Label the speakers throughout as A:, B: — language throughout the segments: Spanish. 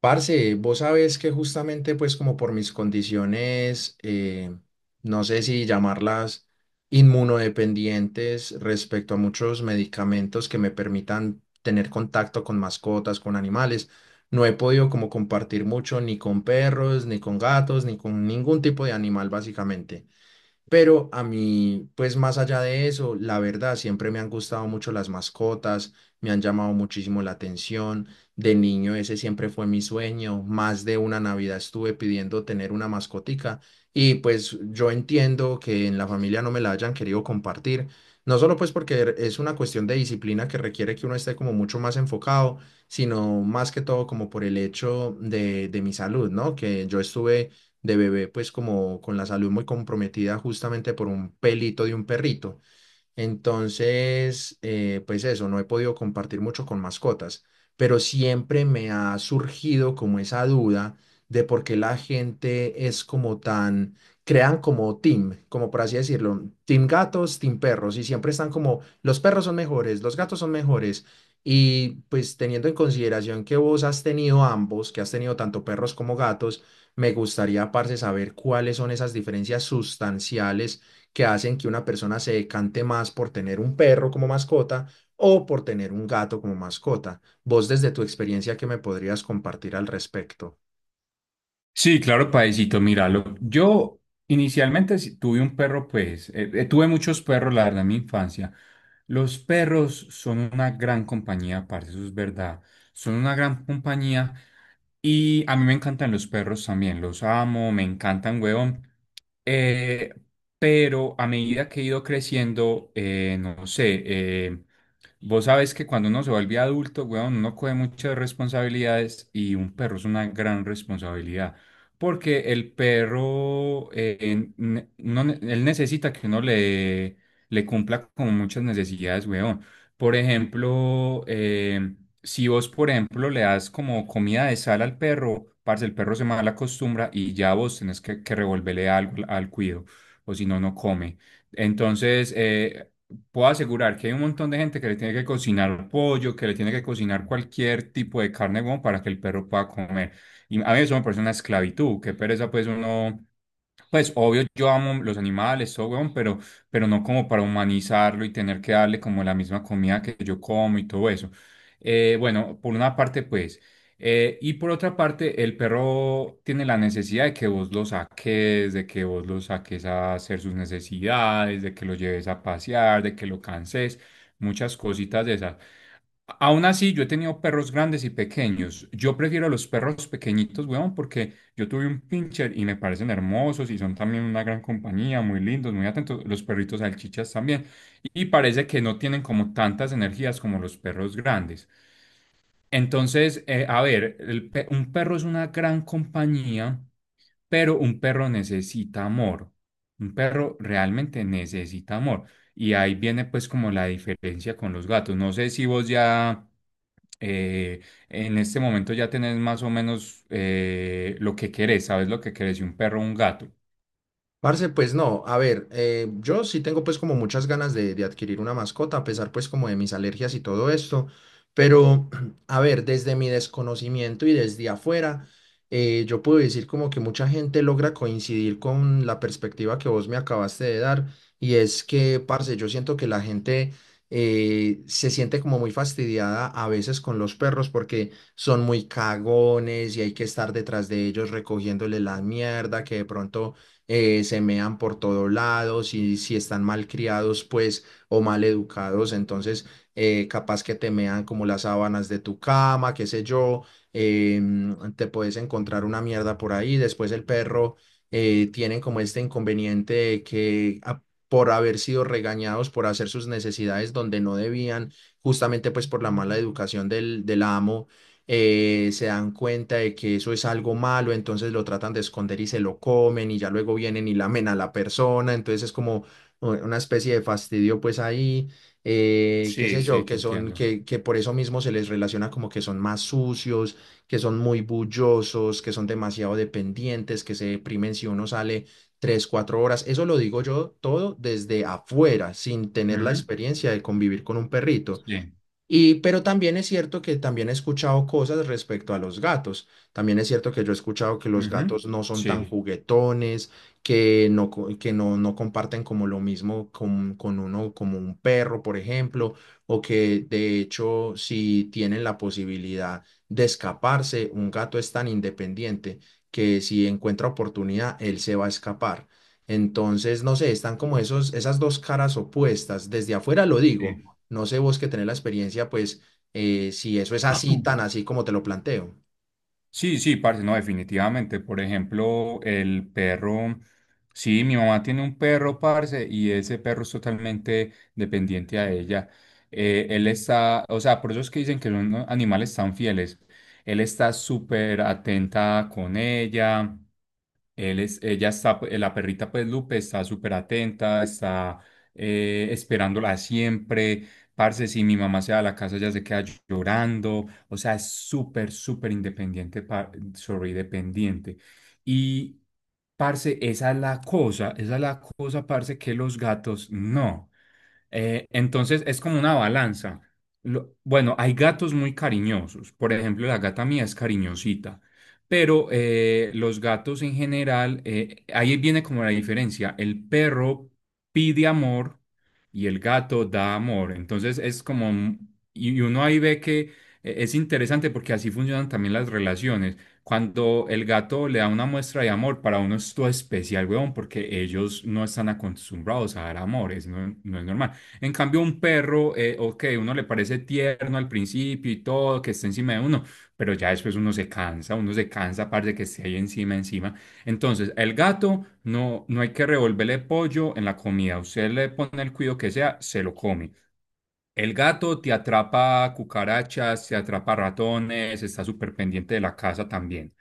A: Parce, vos sabés que justamente pues como por mis condiciones, no sé si llamarlas inmunodependientes respecto a muchos medicamentos que me permitan tener contacto con mascotas, con animales, no he podido como compartir mucho ni con perros, ni con gatos, ni con ningún tipo de animal básicamente. Pero a mí, pues más allá de eso, la verdad, siempre me han gustado mucho las mascotas, me han llamado muchísimo la atención. De niño ese siempre fue mi sueño. Más de una Navidad estuve pidiendo tener una mascotica y pues yo entiendo que en la familia no me la hayan querido compartir. No solo pues porque es una cuestión de disciplina que requiere que uno esté como mucho más enfocado, sino más que todo como por el hecho de mi salud, ¿no? Que yo estuve de bebé, pues como con la salud muy comprometida justamente por un pelito de un perrito. Entonces, pues eso, no he podido compartir mucho con mascotas, pero siempre me ha surgido como esa duda de por qué la gente es como tan, crean como team, como por así decirlo, team gatos, team perros, y siempre están como, los perros son mejores, los gatos son mejores, y pues teniendo en consideración que vos has tenido ambos, que has tenido tanto perros como gatos, me gustaría, parce, saber cuáles son esas diferencias sustanciales que hacen que una persona se decante más por tener un perro como mascota o por tener un gato como mascota. Vos desde tu experiencia, ¿qué me podrías compartir al respecto?
B: Sí, claro, Paisito, míralo. Yo inicialmente sí tuve un perro, pues, tuve muchos perros, la verdad, en mi infancia. Los perros son una gran compañía, parce, eso es verdad. Son una gran compañía y a mí me encantan los perros también, los amo, me encantan, huevón. Eh, pero a medida que he ido creciendo, no sé, vos sabés que cuando uno se vuelve adulto, weón, uno coge muchas responsabilidades y un perro es una gran responsabilidad. Porque el perro, uno él necesita que uno le, le cumpla con muchas necesidades, weón. Por ejemplo, si vos, por ejemplo, le das como comida de sal al perro, parce, el perro se mal acostumbra y ya vos tenés que revolverle algo al cuido, o si no, no come. Entonces, puedo asegurar que hay un montón de gente que le tiene que cocinar pollo, que le tiene que cocinar cualquier tipo de carne, como para que el perro pueda comer. Y a mí eso me parece una esclavitud, qué pereza pues uno pues obvio, yo amo los animales, todo, weón, pero no como para humanizarlo y tener que darle como la misma comida que yo como y todo eso. Bueno, por una parte, pues. Y por otra parte, el perro tiene la necesidad de que vos lo saques, de que vos lo saques a hacer sus necesidades, de que lo lleves a pasear, de que lo canses, muchas cositas de esas. Aún así, yo he tenido perros grandes y pequeños. Yo prefiero los perros pequeñitos, weón, porque yo tuve un pincher y me parecen hermosos y son también una gran compañía, muy lindos, muy atentos. Los perritos salchichas también. Y parece que no tienen como tantas energías como los perros grandes. Entonces, a ver, un perro es una gran compañía, pero un perro necesita amor. Un perro realmente necesita amor. Y ahí viene pues como la diferencia con los gatos. No sé si vos ya eh, en este momento ya tenés más o menos lo que querés, sabes lo que querés, y un perro o un gato.
A: Parce, pues no, a ver, yo sí tengo pues como muchas ganas de adquirir una mascota, a pesar pues como de mis alergias y todo esto, pero a ver, desde mi desconocimiento y desde afuera, yo puedo decir como que mucha gente logra coincidir con la perspectiva que vos me acabaste de dar, y es que, parce, yo siento que la gente se siente como muy fastidiada a veces con los perros porque son muy cagones y hay que estar detrás de ellos recogiéndole la mierda que de pronto se mean por todos lados y si están mal criados, pues, o mal educados, entonces capaz que te mean como las sábanas de tu cama, qué sé yo, te puedes encontrar una mierda por ahí, después el perro tienen como este inconveniente de que por haber sido regañados por hacer sus necesidades donde no debían, justamente pues por la mala educación del amo, se dan cuenta de que eso es algo malo, entonces lo tratan de esconder y se lo comen y ya luego vienen y lamen a la persona, entonces es como una especie de fastidio pues ahí, qué
B: Sí,
A: sé yo,
B: sí, te
A: que son,
B: entiendo.
A: que, que por eso mismo se les relaciona como que son más sucios, que son muy bullosos, que son demasiado dependientes, que se deprimen si uno sale 3, 4 horas. Eso lo digo yo todo desde afuera, sin tener la
B: Ujú,
A: experiencia de convivir con un perrito.
B: sí,
A: Y, pero también es cierto que también he escuchado cosas respecto a los gatos. También es cierto que yo he escuchado que los
B: ujú,
A: gatos no son tan
B: sí,
A: juguetones, que no comparten como lo mismo con uno, como un perro, por ejemplo, o que de hecho si tienen la posibilidad de escaparse, un gato es tan independiente que si encuentra oportunidad, él se va a escapar. Entonces, no sé, están como esas dos caras opuestas. Desde afuera lo digo,
B: sí.
A: no sé vos que tenés la experiencia, pues si eso es así, tan así como te lo planteo.
B: Sí, sí, parce, no, definitivamente. Por ejemplo, el perro. Sí, mi mamá tiene un perro, parce, y ese perro es totalmente dependiente a ella. Él está, o sea, por eso es que dicen que son animales tan fieles. Él está súper atenta con ella. Ella está, pues, la perrita pues Lupe está súper atenta, está esperándola siempre. Parce, si mi mamá se va a la casa, ella se queda llorando. O sea, es súper, súper independiente, sorry, dependiente. Y, parce, esa es la cosa, esa es la cosa, parce, que los gatos no. Entonces es como una balanza. Bueno, hay gatos muy cariñosos. Por ejemplo, la gata mía es cariñosita. Pero los gatos en general, ahí viene como la diferencia. El perro pide amor y el gato da amor. Entonces es como, y uno ahí ve que es interesante porque así funcionan también las relaciones. Cuando el gato le da una muestra de amor, para uno es todo especial, weón, porque ellos no están acostumbrados a dar amores, no es normal. En cambio, un perro, ok, uno le parece tierno al principio y todo, que esté encima de uno, pero ya después uno se cansa, de que esté ahí encima, encima. Entonces, el gato no, no hay que revolverle pollo en la comida. Usted le pone el cuido que sea, se lo come. El gato te atrapa cucarachas, te atrapa ratones, está súper pendiente de la casa también.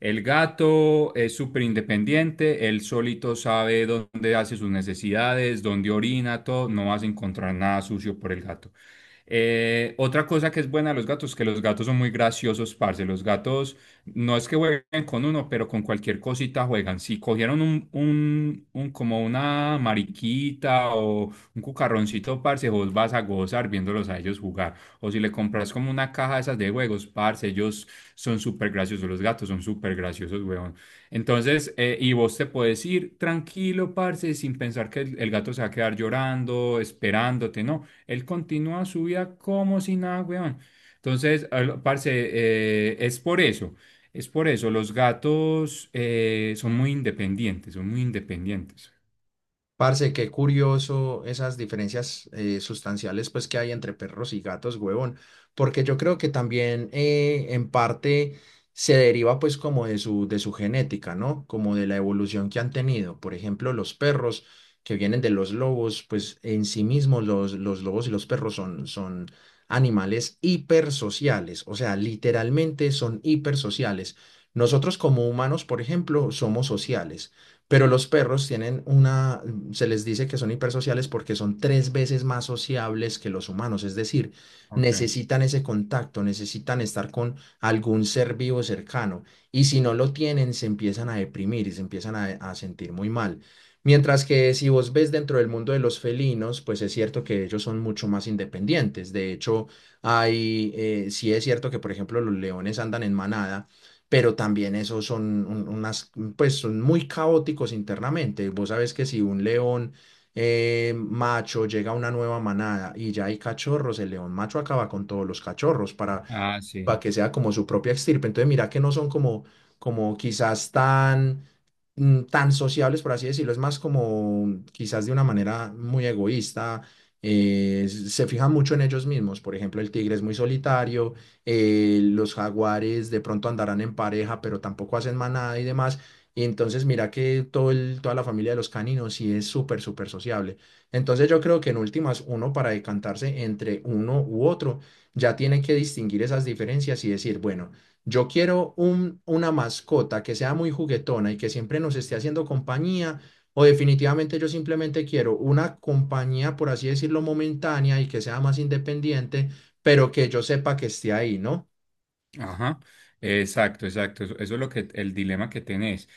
B: El gato es súper independiente, él solito sabe dónde hace sus necesidades, dónde orina, todo, no vas a encontrar nada sucio por el gato. Otra cosa que es buena de los gatos, que los gatos son muy graciosos, parce. Los gatos no es que jueguen con uno, pero con cualquier cosita juegan. Si cogieron como una mariquita o un cucarroncito, parce, vos vas a gozar viéndolos a ellos jugar. O si le compras como una caja de esas de juegos, parce, ellos son súper graciosos los gatos, son súper graciosos, weón. Entonces, y vos te puedes ir tranquilo, parce, sin pensar que el gato se va a quedar llorando, esperándote, no. Él continúa su vida como si nada, weón. Entonces, parce, es por eso, es por eso. Los gatos son muy independientes, son muy independientes.
A: Parce, qué curioso esas diferencias sustanciales pues que hay entre perros y gatos, huevón, porque yo creo que también en parte se deriva pues como de de su genética, ¿no? Como de la evolución que han tenido. Por ejemplo, los perros que vienen de los lobos, pues en sí mismos los lobos y los perros son animales hipersociales, o sea, literalmente son hipersociales. Nosotros como humanos, por ejemplo, somos sociales pero los perros tienen una, se les dice que son hipersociales porque son tres veces más sociables que los humanos, es decir,
B: Ok.
A: necesitan ese contacto, necesitan estar con algún ser vivo cercano y si no lo tienen se empiezan a deprimir y se empiezan a sentir muy mal. Mientras que si vos ves dentro del mundo de los felinos, pues es cierto que ellos son mucho más independientes. De hecho, hay, sí es cierto que, por ejemplo, los leones andan en manada, pero también esos son unas mm, pues son muy caóticos internamente. Vos sabés que si un león macho llega a una nueva manada y ya hay cachorros, el león macho acaba con todos los cachorros
B: Ah,
A: para
B: sí.
A: que sea como su propia extirpe. Entonces, mira que no son como, como quizás tan, mm, tan sociables, por así decirlo, es más como quizás de una manera muy egoísta. Se fijan mucho en ellos mismos, por ejemplo, el tigre es muy solitario, los jaguares de pronto andarán en pareja, pero tampoco hacen manada y demás. Y entonces mira que toda la familia de los caninos sí es súper, súper sociable. Entonces yo creo que en últimas uno para decantarse entre uno u otro ya tiene que distinguir esas diferencias y decir, bueno, yo quiero una mascota que sea muy juguetona y que siempre nos esté haciendo compañía, o definitivamente yo simplemente quiero una compañía, por así decirlo, momentánea y que sea más independiente, pero que yo sepa que esté ahí, ¿no?
B: Ajá, exacto, exacto. Eso es lo que el dilema que tenés.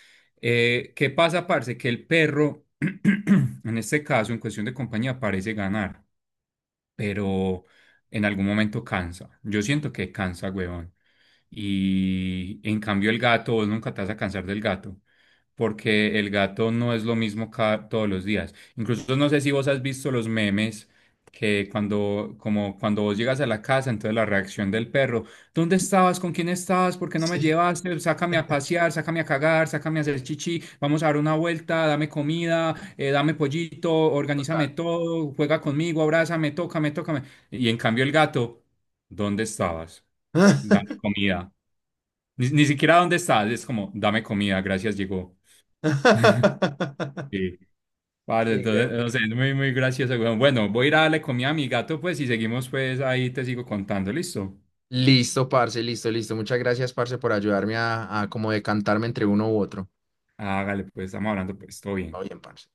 B: ¿Qué pasa, parce? Que el perro, en este caso, en cuestión de compañía, parece ganar, pero en algún momento cansa. Yo siento que cansa, huevón. Y en cambio el gato, vos nunca te vas a cansar del gato, porque el gato no es lo mismo cada, todos los días. Incluso no sé si vos has visto los memes que cuando, como cuando vos llegas a la casa, entonces la reacción del perro, ¿dónde estabas? ¿Con quién estabas? ¿Por qué no me
A: Sí,
B: llevaste? Sácame a pasear, sácame a cagar, sácame a hacer chichi, vamos a dar una vuelta, dame comida, dame pollito, organízame
A: total.
B: todo, juega conmigo, abrázame, tócame, tócame. Y en cambio el gato, ¿dónde estabas? Dame comida. Ni siquiera dónde estás, es como, dame comida, gracias, llegó. Sí. Vale,
A: Sí, güey.
B: entonces, no sé, es muy, muy gracioso, weón. Bueno, voy a ir a darle comida a mi gato, pues, y seguimos, pues, ahí te sigo contando, ¿listo?
A: Listo, parce, listo, listo. Muchas gracias, parce, por ayudarme a como decantarme entre uno u otro.
B: Hágale, pues, estamos hablando, pues, todo
A: Está
B: bien.
A: bien, parce.